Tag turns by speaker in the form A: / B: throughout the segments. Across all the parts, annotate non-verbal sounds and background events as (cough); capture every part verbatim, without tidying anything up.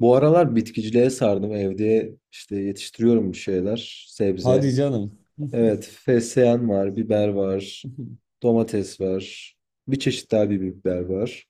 A: Bu aralar bitkiciliğe sardım. Evde işte yetiştiriyorum bir şeyler. Sebze.
B: Hadi canım.
A: Evet,
B: (laughs)
A: fesleğen var, biber var, domates var. Bir çeşit daha bir biber var.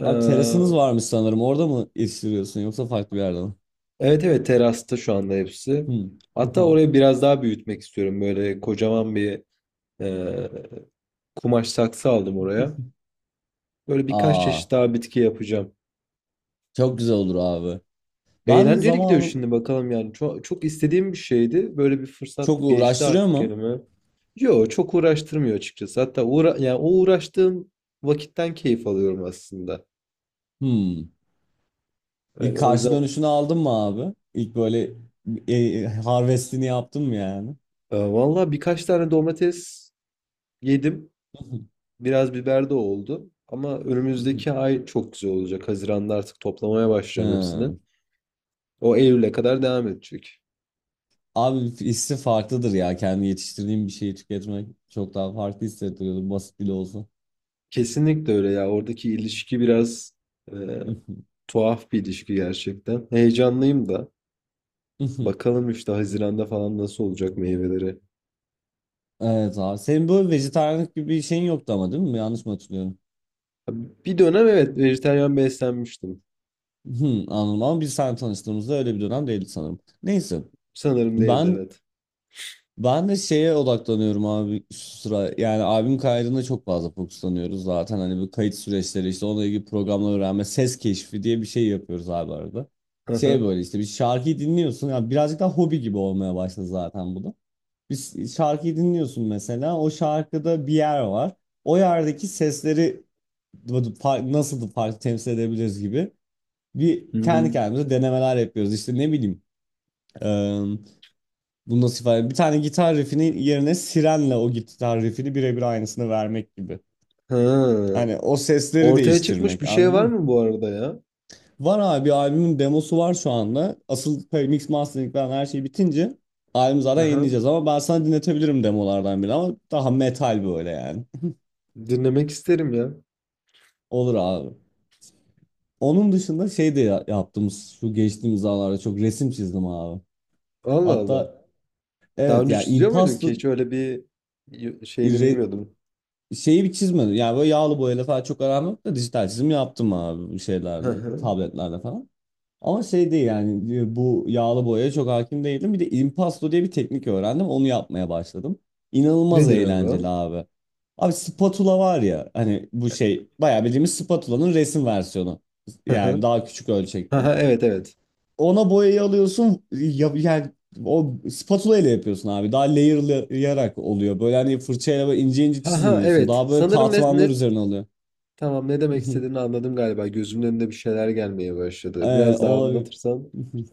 A: Ee,
B: Abi terasınız varmış sanırım. Orada mı yetiştiriyorsun yoksa farklı bir yerde mi?
A: evet evet terasta şu anda hepsi.
B: Hmm.
A: Hatta orayı biraz daha büyütmek istiyorum. Böyle kocaman bir e, kumaş saksı aldım oraya. Böyle
B: (laughs)
A: birkaç
B: Aa,
A: çeşit daha bitki yapacağım.
B: çok güzel olur abi. Ben de
A: Eğlenceli gidiyor
B: zamanı
A: şimdi bakalım yani. Çok, çok istediğim bir şeydi. Böyle bir
B: çok
A: fırsat geçti
B: uğraştırıyor
A: artık
B: mu?
A: elime. Yo çok uğraştırmıyor açıkçası. Hatta uğra yani o uğraştığım vakitten keyif alıyorum aslında.
B: Hmm. İlk
A: Yani o
B: karşı
A: yüzden
B: dönüşünü aldın mı abi? İlk böyle e, harvestini yaptın mı yani?
A: e, vallahi birkaç tane domates yedim. Biraz biber de oldu. Ama önümüzdeki
B: (laughs)
A: ay çok güzel olacak. Haziran'da artık toplamaya başlayacağım hepsini.
B: Hmm.
A: O Eylül'e kadar devam edecek.
B: Abi hissi farklıdır ya. Kendi yetiştirdiğim bir şeyi tüketmek çok daha farklı hissettiriyordu. Basit bile olsa.
A: Kesinlikle öyle ya. Oradaki ilişki biraz e, tuhaf bir ilişki gerçekten. Heyecanlıyım da.
B: (laughs)
A: Bakalım işte Haziran'da falan nasıl olacak meyveleri.
B: Evet abi. Senin böyle vejetaryenlik gibi bir şeyin yoktu ama değil mi? Yanlış mı hatırlıyorum?
A: Bir dönem evet vejetaryen beslenmiştim.
B: Hı, anladım ama biz sen tanıştığımızda öyle bir dönem değildi sanırım. Neyse.
A: Sanırım değildi
B: Ben
A: evet.
B: ben de şeye odaklanıyorum abi şu sıra. Yani albüm kaydına çok fazla fokuslanıyoruz zaten. Hani bu kayıt süreçleri işte onunla ilgili programlar öğrenme, ses keşfi diye bir şey yapıyoruz abi arada. Şey
A: Aha.
B: böyle işte bir şarkıyı dinliyorsun. Yani birazcık daha hobi gibi olmaya başladı zaten bu da. Bir şarkıyı dinliyorsun mesela. O şarkıda bir yer var. O yerdeki sesleri bu- fa- nasıl bu farkı temsil edebiliriz gibi bir
A: Hı
B: kendi
A: hı.
B: kendimize denemeler yapıyoruz. İşte ne bileyim eee bunu nasıl ifade edeyim? Bir tane gitar riffinin yerine sirenle o gitar riffini birebir aynısını vermek gibi.
A: Ha.
B: Hani o sesleri
A: Ortaya çıkmış
B: değiştirmek
A: bir şey
B: anladın
A: var
B: mı?
A: mı bu arada ya?
B: Var abi albümün demosu var şu anda. Asıl pe- mix mastering falan her şey bitince albümü zaten
A: Aha.
B: yenileyeceğiz ama ben sana dinletebilirim demolardan bile ama daha metal böyle yani.
A: Dinlemek isterim ya.
B: (laughs) Olur abi. Onun dışında şey de ya- yaptım şu geçtiğimiz zamanlarda çok resim çizdim abi.
A: Allah Allah.
B: Hatta
A: Daha
B: evet
A: önce
B: yani
A: çiziyor muydun ki?
B: impasto
A: Hiç öyle bir y- şeyini
B: re-
A: bilmiyordum.
B: şeyi bir çizmedim. Yani böyle yağlı boyayla falan çok aram yok da dijital çizim yaptım abi bir
A: Hı
B: şeylerle,
A: hı.
B: tabletlerle falan. Ama şey değil yani e, bu yağlı boyaya çok hakim değilim. Bir de impasto diye bir teknik öğrendim. Onu yapmaya başladım. İnanılmaz
A: Nedir abi
B: eğlenceli
A: o?
B: abi. Abi spatula var ya hani bu şey bayağı bildiğimiz spatulanın resim versiyonu.
A: Hı
B: Yani
A: hı.
B: daha küçük ölçekte.
A: Aha, evet evet.
B: Ona boyayı alıyorsun ya, yani o spatula ile yapıyorsun abi. Daha layer'layarak oluyor. Böyle hani fırçayla böyle ince ince
A: Haha
B: çizmiyorsun.
A: evet.
B: Daha böyle
A: Sanırım ne, ne
B: katmanlar üzerine oluyor.
A: tamam ne demek istediğini
B: (laughs)
A: anladım galiba. Gözümün önünde bir şeyler gelmeye başladı.
B: Ee,
A: Biraz daha
B: olabilir.
A: anlatırsan.
B: (laughs)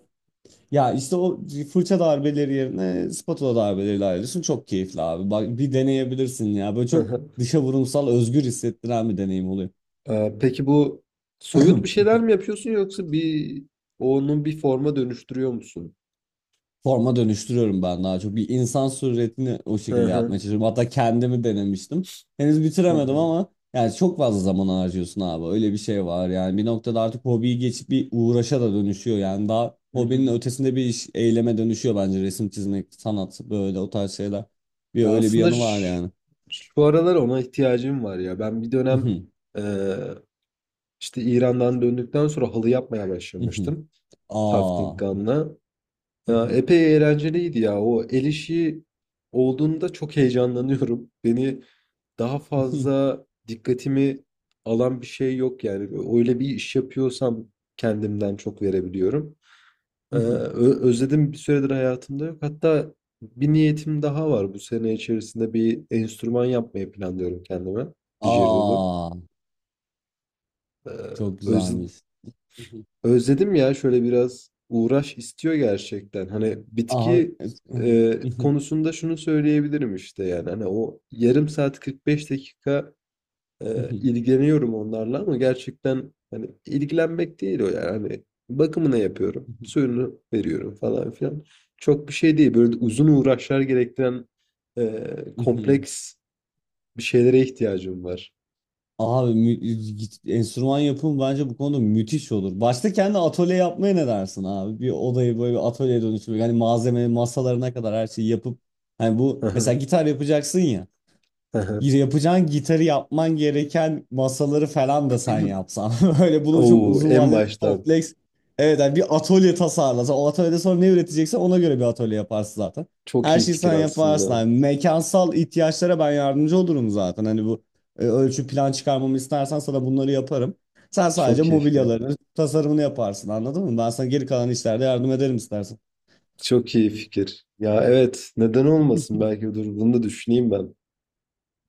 B: Ya işte o fırça darbeleri yerine spatula darbeleriyle ayrılıyorsun. Çok keyifli abi. Bak bir deneyebilirsin ya. Böyle çok
A: Aha.
B: dışa vurumsal özgür hissettiren bir deneyim oluyor.
A: Ee, peki bu soyut bir şeyler
B: (laughs)
A: mi yapıyorsun yoksa bir onun bir forma dönüştürüyor musun?
B: Forma dönüştürüyorum ben daha çok. Bir insan suretini o
A: Hı
B: şekilde yapmaya
A: hı.
B: çalışıyorum. Hatta kendimi denemiştim. Henüz
A: Hı
B: bitiremedim
A: hı.
B: ama yani çok fazla zaman harcıyorsun abi. Öyle bir şey var. Yani bir noktada artık hobiyi geçip bir uğraşa da dönüşüyor. Yani daha
A: Hı hı.
B: hobinin ötesinde bir iş, eyleme dönüşüyor bence. Resim çizmek, sanat böyle o tarz şeyler. Bir
A: Ya
B: öyle bir
A: aslında
B: yanı var
A: şu,
B: yani.
A: şu aralar ona ihtiyacım var ya. Ben bir dönem
B: Mhm,
A: e, işte İran'dan döndükten sonra halı yapmaya
B: mhm.
A: başlamıştım. Tafting
B: Aa.
A: gun'la. Ya,
B: Mhm,
A: epey eğlenceliydi ya. O el işi olduğunda çok heyecanlanıyorum. (laughs) Beni daha
B: mhm,
A: fazla dikkatimi alan bir şey yok yani. Öyle bir iş yapıyorsam kendimden çok verebiliyorum. Ee,
B: mhm.
A: ö- özledim bir süredir hayatımda yok. Hatta bir niyetim daha var. Bu sene içerisinde bir enstrüman yapmayı planlıyorum kendime. Didgeridoo.
B: Aa.
A: Ee,
B: Çok
A: öz-
B: güzelmiş. Mhm.
A: Özledim ya şöyle biraz uğraş istiyor gerçekten. Hani
B: Aa.
A: bitki
B: Es- mhm,
A: e,
B: mhm,
A: konusunda şunu söyleyebilirim işte yani. Hani o yarım saat kırk beş dakika e,
B: mhm,
A: ilgileniyorum onlarla ama gerçekten hani ilgilenmek değil o yani. Hani bakımını yapıyorum,
B: mhm,
A: suyunu veriyorum falan filan. Çok bir şey değil. Böyle uzun uğraşlar gerektiren e,
B: mhm.
A: kompleks bir şeylere ihtiyacım var.
B: Abi mü- enstrüman yapımı bence bu konuda müthiş olur. Başta kendi atölye yapmaya ne dersin abi? Bir odayı böyle bir atölyeye dönüştürmek. Hani malzeme masalarına kadar her şeyi yapıp. Hani bu mesela gitar yapacaksın ya
A: (clears throat) (laughs)
B: yapacağın gitarı yapman gereken masaları falan da sen yapsan. (laughs) Böyle bunu çok
A: Oo,
B: uzun
A: en
B: vadeli bir
A: baştan
B: kompleks. Evet yani bir atölye tasarlasan. O atölyede sonra ne üreteceksen ona göre bir atölye yaparsın zaten.
A: çok
B: Her
A: iyi
B: şeyi
A: fikir
B: sen yaparsın.
A: aslında.
B: Yani mekansal ihtiyaçlara ben yardımcı olurum zaten. Hani bu e, ölçü plan çıkarmamı istersen sana bunları yaparım. Sen sadece
A: Çok iyi fikir.
B: mobilyaların tasarımını yaparsın anladın mı? Ben sana geri kalan işlerde yardım ederim istersen.
A: Çok iyi fikir. Ya evet, neden olmasın? Belki dur bunu da düşüneyim ben.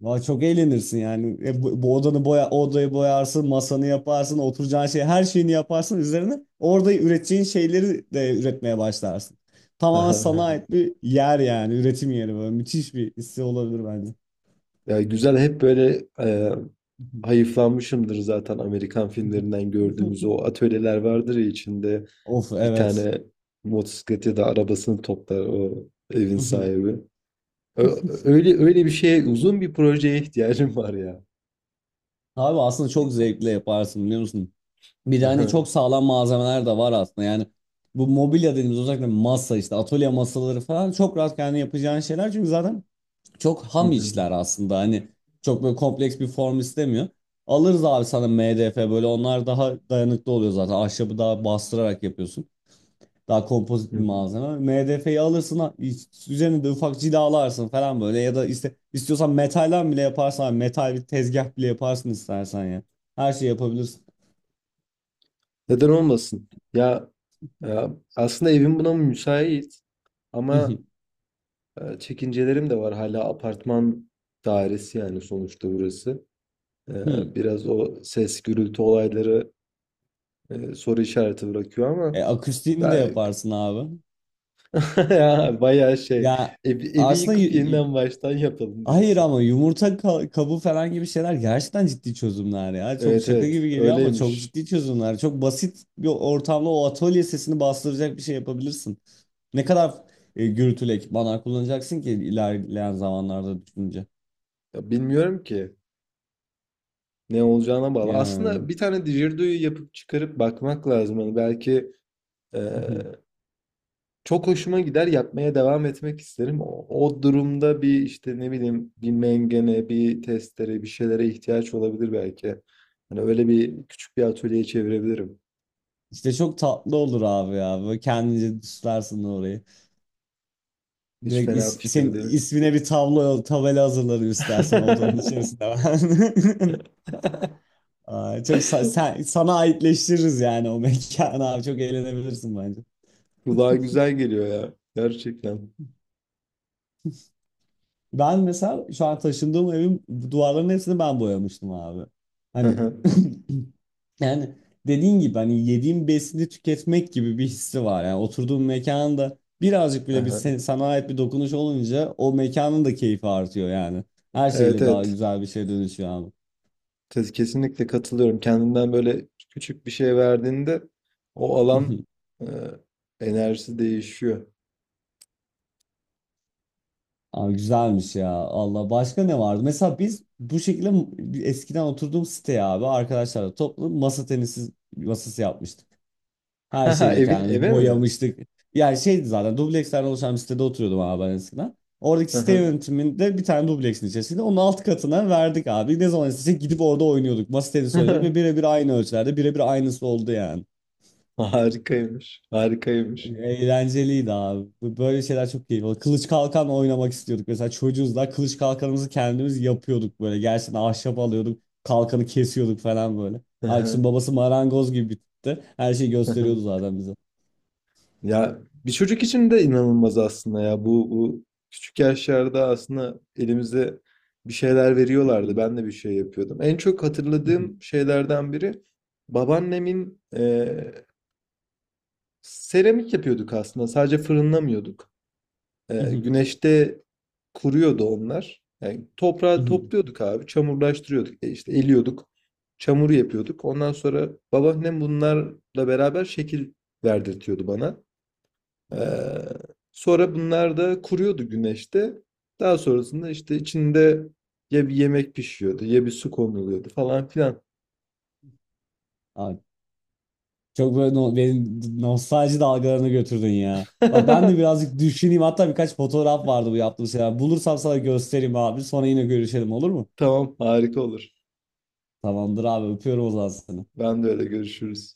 B: Valla çok eğlenirsin yani. E, bu, bu odanı boya, odayı boyarsın, masanı yaparsın, oturacağın şey, her şeyini yaparsın üzerine. Orada üreteceğin şeyleri de üretmeye başlarsın.
A: (laughs)
B: Tamamen sana
A: Aha.
B: ait bir yer yani, üretim yeri böyle. Müthiş bir hissi olabilir bence.
A: Ya güzel hep böyle e, hayıflanmışımdır zaten Amerikan filmlerinden gördüğümüz o
B: (laughs)
A: atölyeler vardır ya içinde
B: Of
A: bir
B: evet.
A: tane motosiklet ya da arabasını toplar o evin
B: (laughs)
A: sahibi. Ö- Öyle öyle bir şeye uzun bir projeye ihtiyacım var ya.
B: Abi aslında çok zevkle yaparsın biliyor musun? Bir de hani
A: Aha.
B: çok sağlam malzemeler de var aslında. Yani bu mobilya dediğimiz özellikle masa işte atölye masaları falan çok rahat kendi yapacağın şeyler. Çünkü zaten çok
A: Hı
B: ham
A: hı.
B: işler aslında hani çok böyle kompleks bir form istemiyor. Alırız abi sana MDF böyle onlar daha dayanıklı oluyor zaten. Ahşabı daha bastırarak yapıyorsun. Daha kompozit
A: Hı
B: bir
A: hı.
B: malzeme. M D E'yi alırsın ha- iç- üzerine de ufak cilalarsın falan böyle ya da işte istiyorsan metalden bile yaparsan abi, metal bir tezgah bile yaparsın istersen ya. Her şeyi yapabilirsin.
A: Neden olmasın? Ya, ya aslında evim buna müsait
B: (laughs)
A: ama
B: Hı.
A: Ee, çekincelerim de var. Hala apartman dairesi yani sonuçta burası. Ee, Biraz o ses gürültü olayları e, soru işareti bırakıyor
B: E,
A: ama
B: akustiğini de
A: ben
B: yaparsın abi.
A: (laughs) ya bayağı şey
B: Ya
A: evi, evi
B: aslında
A: yıkıp
B: y-
A: yeniden baştan yapalım
B: hayır
A: diyorsun.
B: ama yumurta ka- kabuğu falan gibi şeyler gerçekten ciddi çözümler ya. Çok
A: Evet
B: şaka
A: evet
B: gibi geliyor ama çok
A: öyleymiş.
B: ciddi çözümler. Çok basit bir ortamda o atölye sesini bastıracak bir şey yapabilirsin. Ne kadar e, gürültülü ekipmanlar kullanacaksın ki ilerleyen zamanlarda düşünce.
A: Ya bilmiyorum ki ne olacağına bağlı.
B: Yani.
A: Aslında bir tane didgeridoo'yu yapıp çıkarıp bakmak lazım. Hani belki e,
B: (laughs)
A: çok hoşuma gider yapmaya devam etmek isterim. O, o durumda bir işte ne bileyim bir mengene, bir testere, bir şeylere ihtiyaç olabilir belki. Hani öyle bir küçük bir atölyeye çevirebilirim.
B: İşte çok tatlı olur abi ya. Böyle kendince süslersin orayı.
A: Hiç
B: Direkt
A: fena
B: is- senin
A: fikir değil.
B: ismine bir tablo, tabela hazırlarım istersen odanın
A: (laughs)
B: içerisinde. (laughs) Aa, çok sa- sen, sana aitleştiririz yani o (laughs) mekanı abi çok eğlenebilirsin bence.
A: Kulağa güzel geliyor ya. Gerçekten.
B: Ben mesela şu an taşındığım evin duvarlarının hepsini ben boyamıştım abi. Hani
A: Aha,
B: (clears throat) yani dediğin gibi hani yediğim besini tüketmek gibi bir hissi var. Yani oturduğum mekanda birazcık bile bir
A: aha.
B: sen- sana ait bir dokunuş olunca o mekanın da keyfi artıyor yani. Her
A: Evet
B: şeyle daha
A: evet.
B: güzel bir şey dönüşüyor abi.
A: Kes- Kesinlikle katılıyorum. Kendinden böyle küçük bir şey verdiğinde o alan
B: (laughs)
A: e, enerjisi değişiyor.
B: Aa, güzelmiş ya. Allah başka ne vardı? Mesela biz bu şekilde m- eskiden oturduğum siteye abi arkadaşlarla toplu masa tenisi masası yapmıştık. Her
A: (laughs)
B: şeyle
A: Evin
B: kendimiz
A: eve mi?
B: boyamıştık. Yani şeydi zaten dublekslerden oluşan bir sitede oturuyordum abi ben eskiden. Oradaki site
A: Aha.
B: yönetiminde bir tane dubleksin içerisinde onun alt katına verdik abi. Ne zaman istesek gidip orada oynuyorduk. Masa tenisi oynuyorduk ve
A: (laughs)
B: birebir aynı ölçülerde birebir aynısı oldu yani.
A: Harikaymış. Harikaymış.
B: Eğlenceliydi abi. Bu- Böyle şeyler çok keyifli. Kılıç kalkan oynamak istiyorduk. Mesela çocuğuz da kılıç kalkanımızı kendimiz yapıyorduk böyle. Gerçekten ahşap alıyorduk. Kalkanı kesiyorduk falan böyle.
A: Hı hı,
B: Arkadaşın babası marangoz gibi bir tipti. Her şeyi
A: hı
B: gösteriyordu
A: hı.
B: zaten bize.
A: Ya bir çocuk için de inanılmaz aslında ya. Bu, bu küçük yaşlarda aslında elimize bir şeyler veriyorlardı. Ben de bir şey yapıyordum. En çok hatırladığım şeylerden biri babaannemin eee, seramik yapıyorduk aslında. Sadece fırınlamıyorduk. Ee, güneşte kuruyordu onlar. Yani toprağı
B: (laughs)
A: topluyorduk abi, çamurlaştırıyorduk. E işte eliyorduk, çamuru yapıyorduk. Ondan sonra babaannem bunlarla beraber şekil verdirtiyordu bana. Ee, sonra bunlar da kuruyordu güneşte. Daha sonrasında işte içinde ya bir yemek pişiyordu ya bir su konuluyordu falan filan.
B: Abi, çok böyle no benim nostalji dalgalarına götürdün ya. Bak ben de
A: (laughs)
B: birazcık düşüneyim. Hatta birkaç fotoğraf vardı bu yaptığım şeyler. Bulursam sana göstereyim abi. Sonra yine görüşelim olur mu?
A: Tamam, harika olur.
B: Tamamdır abi öpüyorum o zaman seni.
A: Ben de öyle görüşürüz.